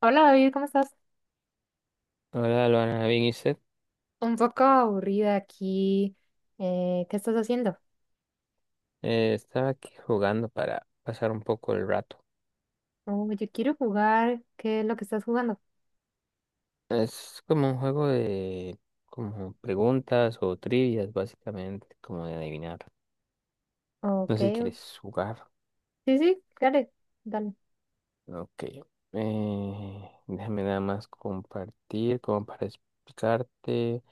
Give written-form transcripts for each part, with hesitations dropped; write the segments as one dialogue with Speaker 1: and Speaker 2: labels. Speaker 1: Hola David, ¿cómo estás?
Speaker 2: Hola, Luana, bien, ¿y usted?
Speaker 1: Un poco aburrida aquí. ¿Qué estás haciendo?
Speaker 2: Estaba aquí jugando para pasar un poco el rato.
Speaker 1: Oh, yo quiero jugar. ¿Qué es lo que estás jugando?
Speaker 2: Es como un juego de como preguntas o trivias, básicamente, como de adivinar. No
Speaker 1: Ok,
Speaker 2: sé si quieres jugar.
Speaker 1: sí, sí, claro, dale.
Speaker 2: Ok. Déjame nada más compartir, como para explicarte.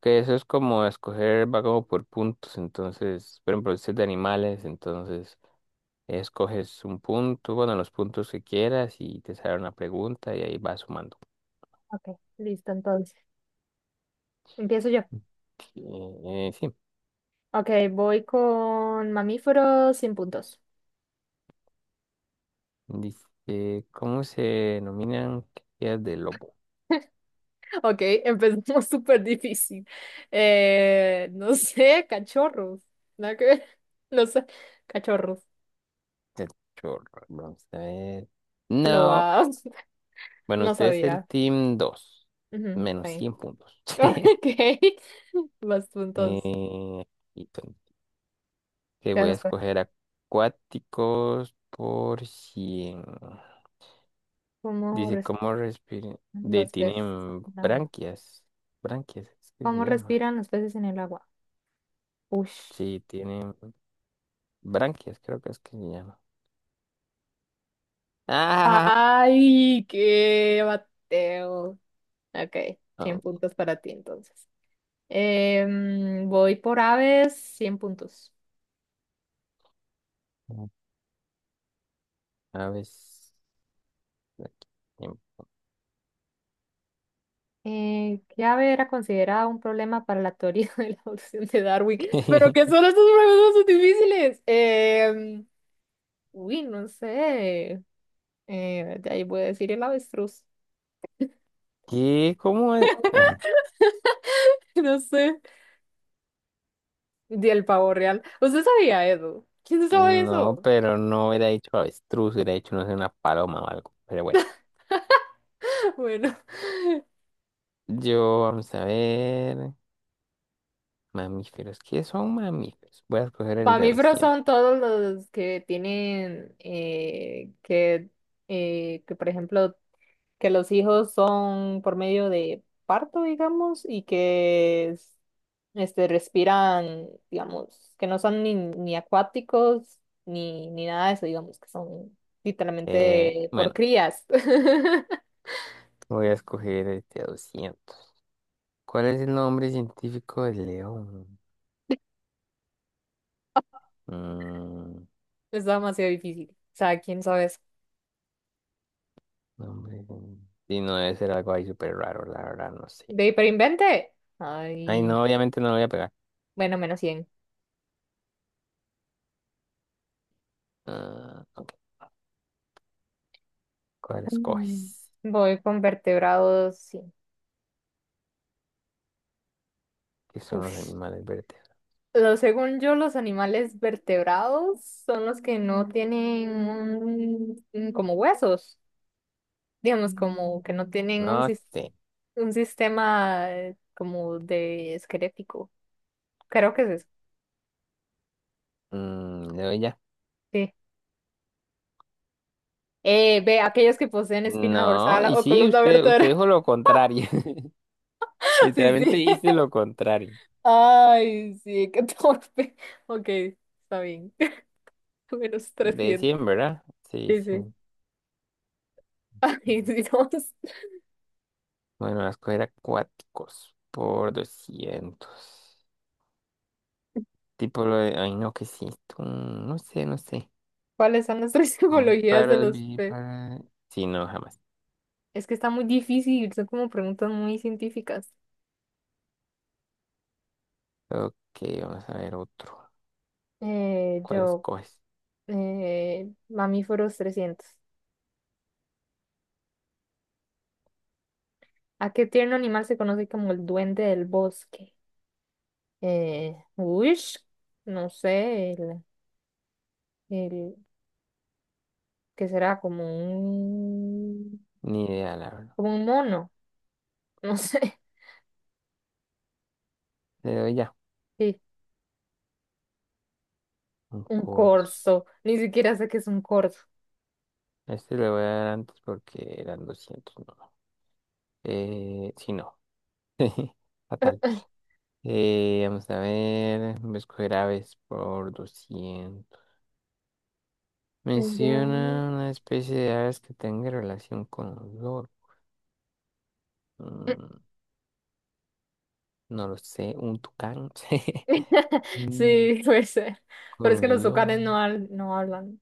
Speaker 2: Que eso es como escoger, va como por puntos. Entonces, por ejemplo, usted es de animales, entonces escoges un punto, bueno, los puntos que quieras y te sale una pregunta y ahí vas sumando.
Speaker 1: Ok, listo, entonces. Empiezo yo.
Speaker 2: Sí,
Speaker 1: Ok, voy con mamíferos 100 puntos.
Speaker 2: dice, ¿cómo se denominan crías de lobo?
Speaker 1: Ok, empezamos súper difícil. No sé, cachorros. Nada que ver. No sé, cachorros.
Speaker 2: El chorro, vamos a ver. No,
Speaker 1: Loas.
Speaker 2: bueno,
Speaker 1: No
Speaker 2: usted es el
Speaker 1: sabía.
Speaker 2: team 2,
Speaker 1: Ujú, está
Speaker 2: menos
Speaker 1: bien.
Speaker 2: 100 puntos.
Speaker 1: Ok, vas tú entonces.
Speaker 2: Eh, y ton- que voy a
Speaker 1: Gracias, pues.
Speaker 2: escoger acuáticos por cien.
Speaker 1: ¿Cómo
Speaker 2: Dice,
Speaker 1: respiran
Speaker 2: ¿cómo respiran? De,
Speaker 1: los peces
Speaker 2: tienen
Speaker 1: en el agua?
Speaker 2: branquias, branquias, es que se
Speaker 1: ¿Cómo
Speaker 2: llama.
Speaker 1: respiran los peces en el agua? Ush,
Speaker 2: Sí, tienen branquias, creo que es que se llama. Ah,
Speaker 1: ay, qué bateo. Ok, 100 puntos para ti entonces. Voy por aves, 100 puntos.
Speaker 2: oh, a aves.
Speaker 1: ¿Qué ave era considerada un problema para la teoría de la evolución de Darwin? ¿Pero qué son estos problemas tan difíciles? Uy, no sé. De ahí voy a decir el avestruz.
Speaker 2: ¿Qué? ¿Cómo es? Ay,
Speaker 1: No sé. Y el pavo real. ¿Usted sabía eso? ¿Quién no sabe
Speaker 2: no,
Speaker 1: eso?
Speaker 2: pero no hubiera dicho avestruz, hubiera dicho, no sé, una paloma o algo. Pero bueno,
Speaker 1: Bueno,
Speaker 2: yo vamos a ver. Mamíferos. ¿Qué son mamíferos? Voy a escoger el
Speaker 1: para
Speaker 2: de
Speaker 1: mamíferos
Speaker 2: 200.
Speaker 1: son todos los que tienen que, por ejemplo, que los hijos son por medio de parto, digamos, y este, respiran, digamos, que no son ni acuáticos ni nada de eso, digamos, que son literalmente por
Speaker 2: Bueno,
Speaker 1: crías.
Speaker 2: voy a escoger el de 200. ¿Cuál es el nombre científico del león? Mm,
Speaker 1: Es demasiado difícil. O sea, ¿quién sabe?
Speaker 2: nombre. Y no debe ser algo ahí súper raro, la verdad, no sé.
Speaker 1: ¿De hiperinvente?
Speaker 2: Ay, no,
Speaker 1: Ay,
Speaker 2: obviamente no lo voy a pegar.
Speaker 1: bueno, menos 100.
Speaker 2: Ah, ok. ¿Cuál escoges?
Speaker 1: Voy con vertebrados, sí.
Speaker 2: ¿Qué son los
Speaker 1: Uf.
Speaker 2: animales vertebrados?
Speaker 1: Lo, según yo, los animales vertebrados son los que no tienen como huesos, digamos,
Speaker 2: Mm.
Speaker 1: como que no tienen
Speaker 2: No sé.
Speaker 1: un sistema como de esquelético. Creo que es eso,
Speaker 2: Mm, no, ya.
Speaker 1: sí. Ve, aquellos que poseen espina
Speaker 2: No,
Speaker 1: dorsal
Speaker 2: y
Speaker 1: o
Speaker 2: sí,
Speaker 1: columna
Speaker 2: usted
Speaker 1: vertebral.
Speaker 2: dijo lo contrario.
Speaker 1: Sí,
Speaker 2: Literalmente
Speaker 1: sí.
Speaker 2: hice lo contrario.
Speaker 1: Ay, sí, qué torpe. Ok, está bien. Menos
Speaker 2: De
Speaker 1: 300.
Speaker 2: cien, ¿verdad? Sí,
Speaker 1: Sí,
Speaker 2: sí.
Speaker 1: sí. Ay, Dios.
Speaker 2: Bueno, voy a escoger acuáticos por doscientos. Tipo lo de... Ay, no, ¿qué es esto? No sé, no sé.
Speaker 1: ¿Cuáles son las tres simbologías de
Speaker 2: Ovíparos,
Speaker 1: los peces?
Speaker 2: vivíparos... Sí, no, jamás.
Speaker 1: Es que está muy difícil, son como preguntas muy científicas.
Speaker 2: Ok, vamos a ver otro.
Speaker 1: Eh,
Speaker 2: ¿Cuál
Speaker 1: yo,
Speaker 2: escoges?
Speaker 1: mamíferos 300. ¿A qué tierno animal se conoce como el duende del bosque? Uish, no sé, el, ¿qué será?
Speaker 2: Ni idea, la verdad.
Speaker 1: Como un mono, no sé.
Speaker 2: Le doy ya.
Speaker 1: Sí,
Speaker 2: Un
Speaker 1: un
Speaker 2: course.
Speaker 1: corzo, ni siquiera sé qué es un corzo.
Speaker 2: Este le voy a dar antes porque eran 200. No. Sí, no. Fatal. Vamos a ver. Voy a escoger aves por 200.
Speaker 1: Ya.
Speaker 2: Menciona una especie de aves que tenga relación con olor. Mm, no lo sé. Un tucán. Mm,
Speaker 1: Sí, puede ser.
Speaker 2: con
Speaker 1: Pero es que los
Speaker 2: olor.
Speaker 1: tucanes no, no hablan.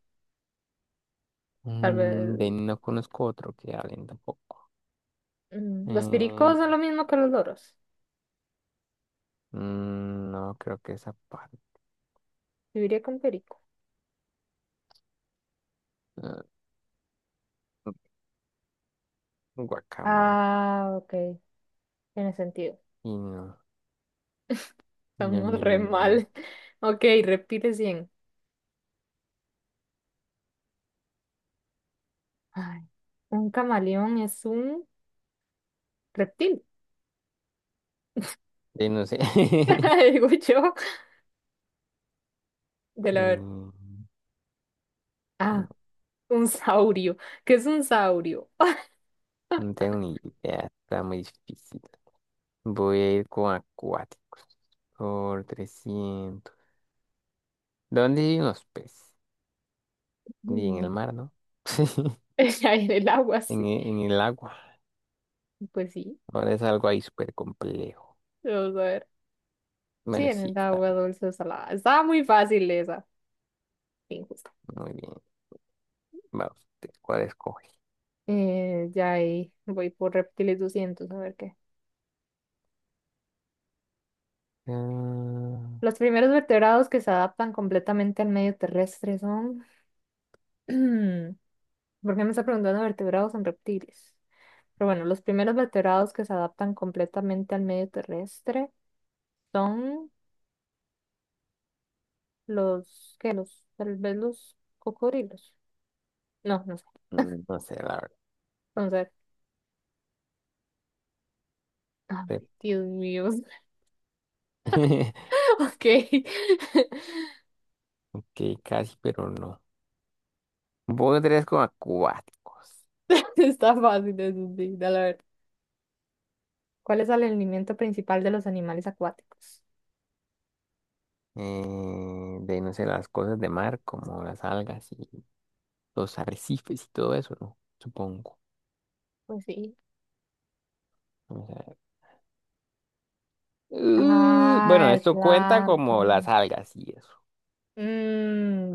Speaker 1: Tal vez.
Speaker 2: No conozco otro que hablen tampoco.
Speaker 1: Mm, los pericos
Speaker 2: Eh,
Speaker 1: son lo mismo que los loros.
Speaker 2: no creo que esa parte.
Speaker 1: Viviría con perico.
Speaker 2: Guacamaya.
Speaker 1: Ah, ok. Tiene sentido.
Speaker 2: Y no, no,
Speaker 1: Estamos
Speaker 2: no,
Speaker 1: re
Speaker 2: no, no, no.
Speaker 1: mal. Ok, reptiles bien. Ay, un camaleón es un reptil.
Speaker 2: De no sé.
Speaker 1: Digo yo. De la ver.
Speaker 2: Mm,
Speaker 1: Ah,
Speaker 2: no,
Speaker 1: un saurio. ¿Qué es un saurio?
Speaker 2: no tengo ni idea, está muy difícil. Voy a ir con acuáticos. Por 300. ¿Dónde viven los peces? Ni en
Speaker 1: Mm.
Speaker 2: el mar, ¿no?
Speaker 1: Ya en el agua, sí.
Speaker 2: En el agua.
Speaker 1: Pues sí.
Speaker 2: Ahora es algo ahí súper complejo.
Speaker 1: Vamos a ver. Sí,
Speaker 2: Bueno,
Speaker 1: en
Speaker 2: sí,
Speaker 1: el
Speaker 2: está
Speaker 1: agua
Speaker 2: bien.
Speaker 1: dulce o salada. Estaba muy fácil esa. Injusta.
Speaker 2: Muy bien. Va usted, ¿cuál escoge?
Speaker 1: Ya ahí voy por reptiles 200, a ver qué.
Speaker 2: Ah,
Speaker 1: Los primeros vertebrados que se adaptan completamente al medio terrestre son... ¿Por qué me está preguntando vertebrados en reptiles? Pero bueno, los primeros vertebrados que se adaptan completamente al medio terrestre son los... ¿Qué? Los... Tal vez los cocodrilos. No, no sé.
Speaker 2: mm, no sé, la
Speaker 1: Entonces... ay,
Speaker 2: verdad.
Speaker 1: Dios mío. Ok.
Speaker 2: Que casi, pero no. Voy otra vez con acuáticos.
Speaker 1: Está fácil eso, sí, la verdad. ¿Cuál es el alimento principal de los animales acuáticos?
Speaker 2: No sé, las cosas de mar, como las algas y los arrecifes y todo eso, ¿no? Supongo.
Speaker 1: Pues sí.
Speaker 2: Vamos a ver. Bueno,
Speaker 1: Ah, el
Speaker 2: esto cuenta como las
Speaker 1: plancton.
Speaker 2: algas y eso.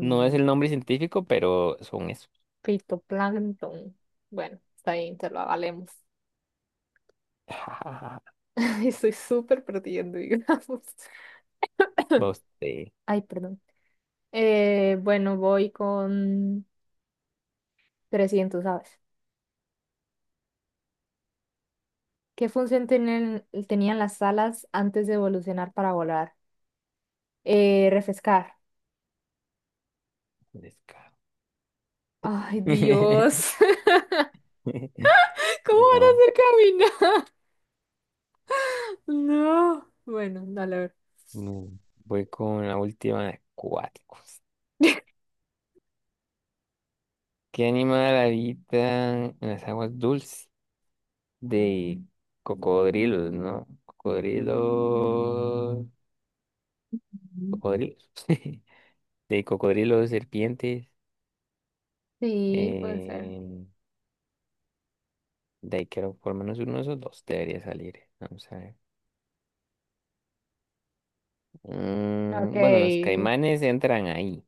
Speaker 2: No es el nombre científico, pero son eso.
Speaker 1: fitoplancton. Bueno, está bien, te lo avalemos. Estoy súper perdiendo, digamos.
Speaker 2: Vos te
Speaker 1: Ay, perdón. Bueno, voy con 300 aves. ¿Qué función tienen, tenían las alas antes de evolucionar para volar? Refrescar.
Speaker 2: descaro.
Speaker 1: Ay, Dios. ¿Cómo
Speaker 2: Y
Speaker 1: van a
Speaker 2: no,
Speaker 1: hacer caminar? No. Bueno, dale a ver.
Speaker 2: no. Voy con la última de acuáticos. ¿Qué animal habita en las aguas dulces? De cocodrilos, ¿no? Cocodrilos.
Speaker 1: Ujú.
Speaker 2: Cocodrilos. De cocodrilos, serpientes.
Speaker 1: Sí, puede ser.
Speaker 2: eh, de ahí creo por lo menos uno de esos dos debería salir. Vamos a ver.
Speaker 1: Ok,
Speaker 2: Mm, bueno, los caimanes entran ahí.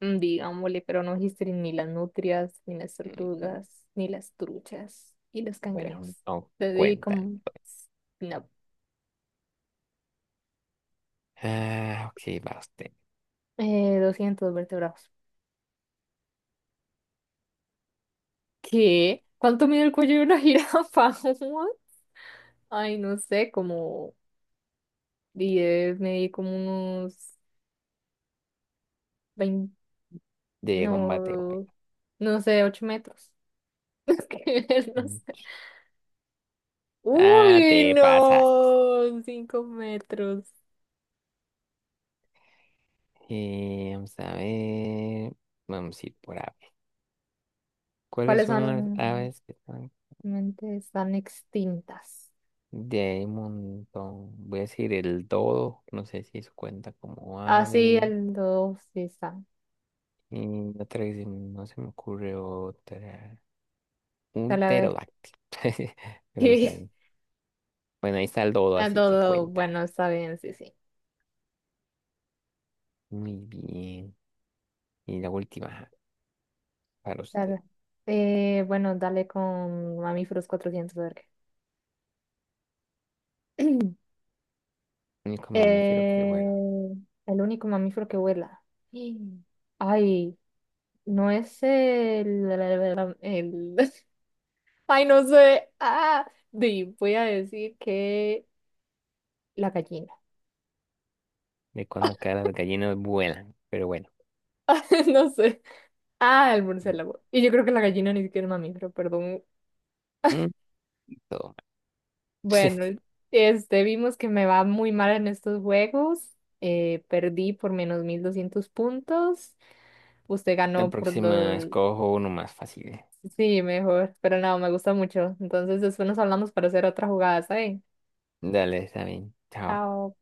Speaker 1: mm, digámosle, pero no dijiste ni las nutrias, ni las
Speaker 2: Mm,
Speaker 1: tortugas, ni las truchas, y los
Speaker 2: bueno,
Speaker 1: cangrejos.
Speaker 2: no
Speaker 1: Le di
Speaker 2: cuentan,
Speaker 1: como,
Speaker 2: pues.
Speaker 1: no,
Speaker 2: Ah, ok, va usted.
Speaker 1: 200 vertebrados. ¿Qué? ¿Cuánto mide el cuello de una jirafa? Ay, no sé, como diez, medí como unos 20,
Speaker 2: De combate, güey.
Speaker 1: no, no sé, 8 metros. Es que no
Speaker 2: Mm.
Speaker 1: sé.
Speaker 2: Ah,
Speaker 1: Uy,
Speaker 2: te pasaste.
Speaker 1: no, 5 metros.
Speaker 2: Vamos a ver. Vamos a ir por aves. ¿Cuáles
Speaker 1: ¿Cuáles
Speaker 2: son las
Speaker 1: son?
Speaker 2: aves que están?
Speaker 1: Mente están extintas.
Speaker 2: De ahí un montón. Voy a decir el dodo. No sé si eso cuenta como
Speaker 1: Ah, sí,
Speaker 2: ave.
Speaker 1: el dos sí están.
Speaker 2: No se me ocurre otra. Un
Speaker 1: Talavera.
Speaker 2: pterodáctilo. Pero vamos a
Speaker 1: Sí,
Speaker 2: ver. Bueno, ahí está el dodo,
Speaker 1: el
Speaker 2: así que
Speaker 1: dodo,
Speaker 2: cuenta.
Speaker 1: bueno, está bien, sí, sí.
Speaker 2: Muy bien. Y la última, ajá, para usted.
Speaker 1: Dale. Bueno, dale con mamíferos 400, a ver qué.
Speaker 2: Único mamífero que
Speaker 1: Eh,
Speaker 2: vuela.
Speaker 1: el único mamífero que vuela. Mm. Ay, no es el- ay, no sé. Ah, di, voy a decir que la gallina.
Speaker 2: De cuando acá las gallinas vuelan. Pero bueno.
Speaker 1: No sé. Ah, el murciélago. Y yo creo que la gallina ni siquiera es mamífero, perdón.
Speaker 2: Mm, todo mal.
Speaker 1: Bueno, este, vimos que me va muy mal en estos juegos. Perdí por menos 1200 puntos. Usted
Speaker 2: La
Speaker 1: ganó por
Speaker 2: próxima
Speaker 1: dos.
Speaker 2: escojo uno más fácil.
Speaker 1: Sí, mejor. Pero no, me gusta mucho. Entonces, después nos hablamos para hacer otra jugada, ¿saben?
Speaker 2: Dale, está bien. Chao.
Speaker 1: Chao.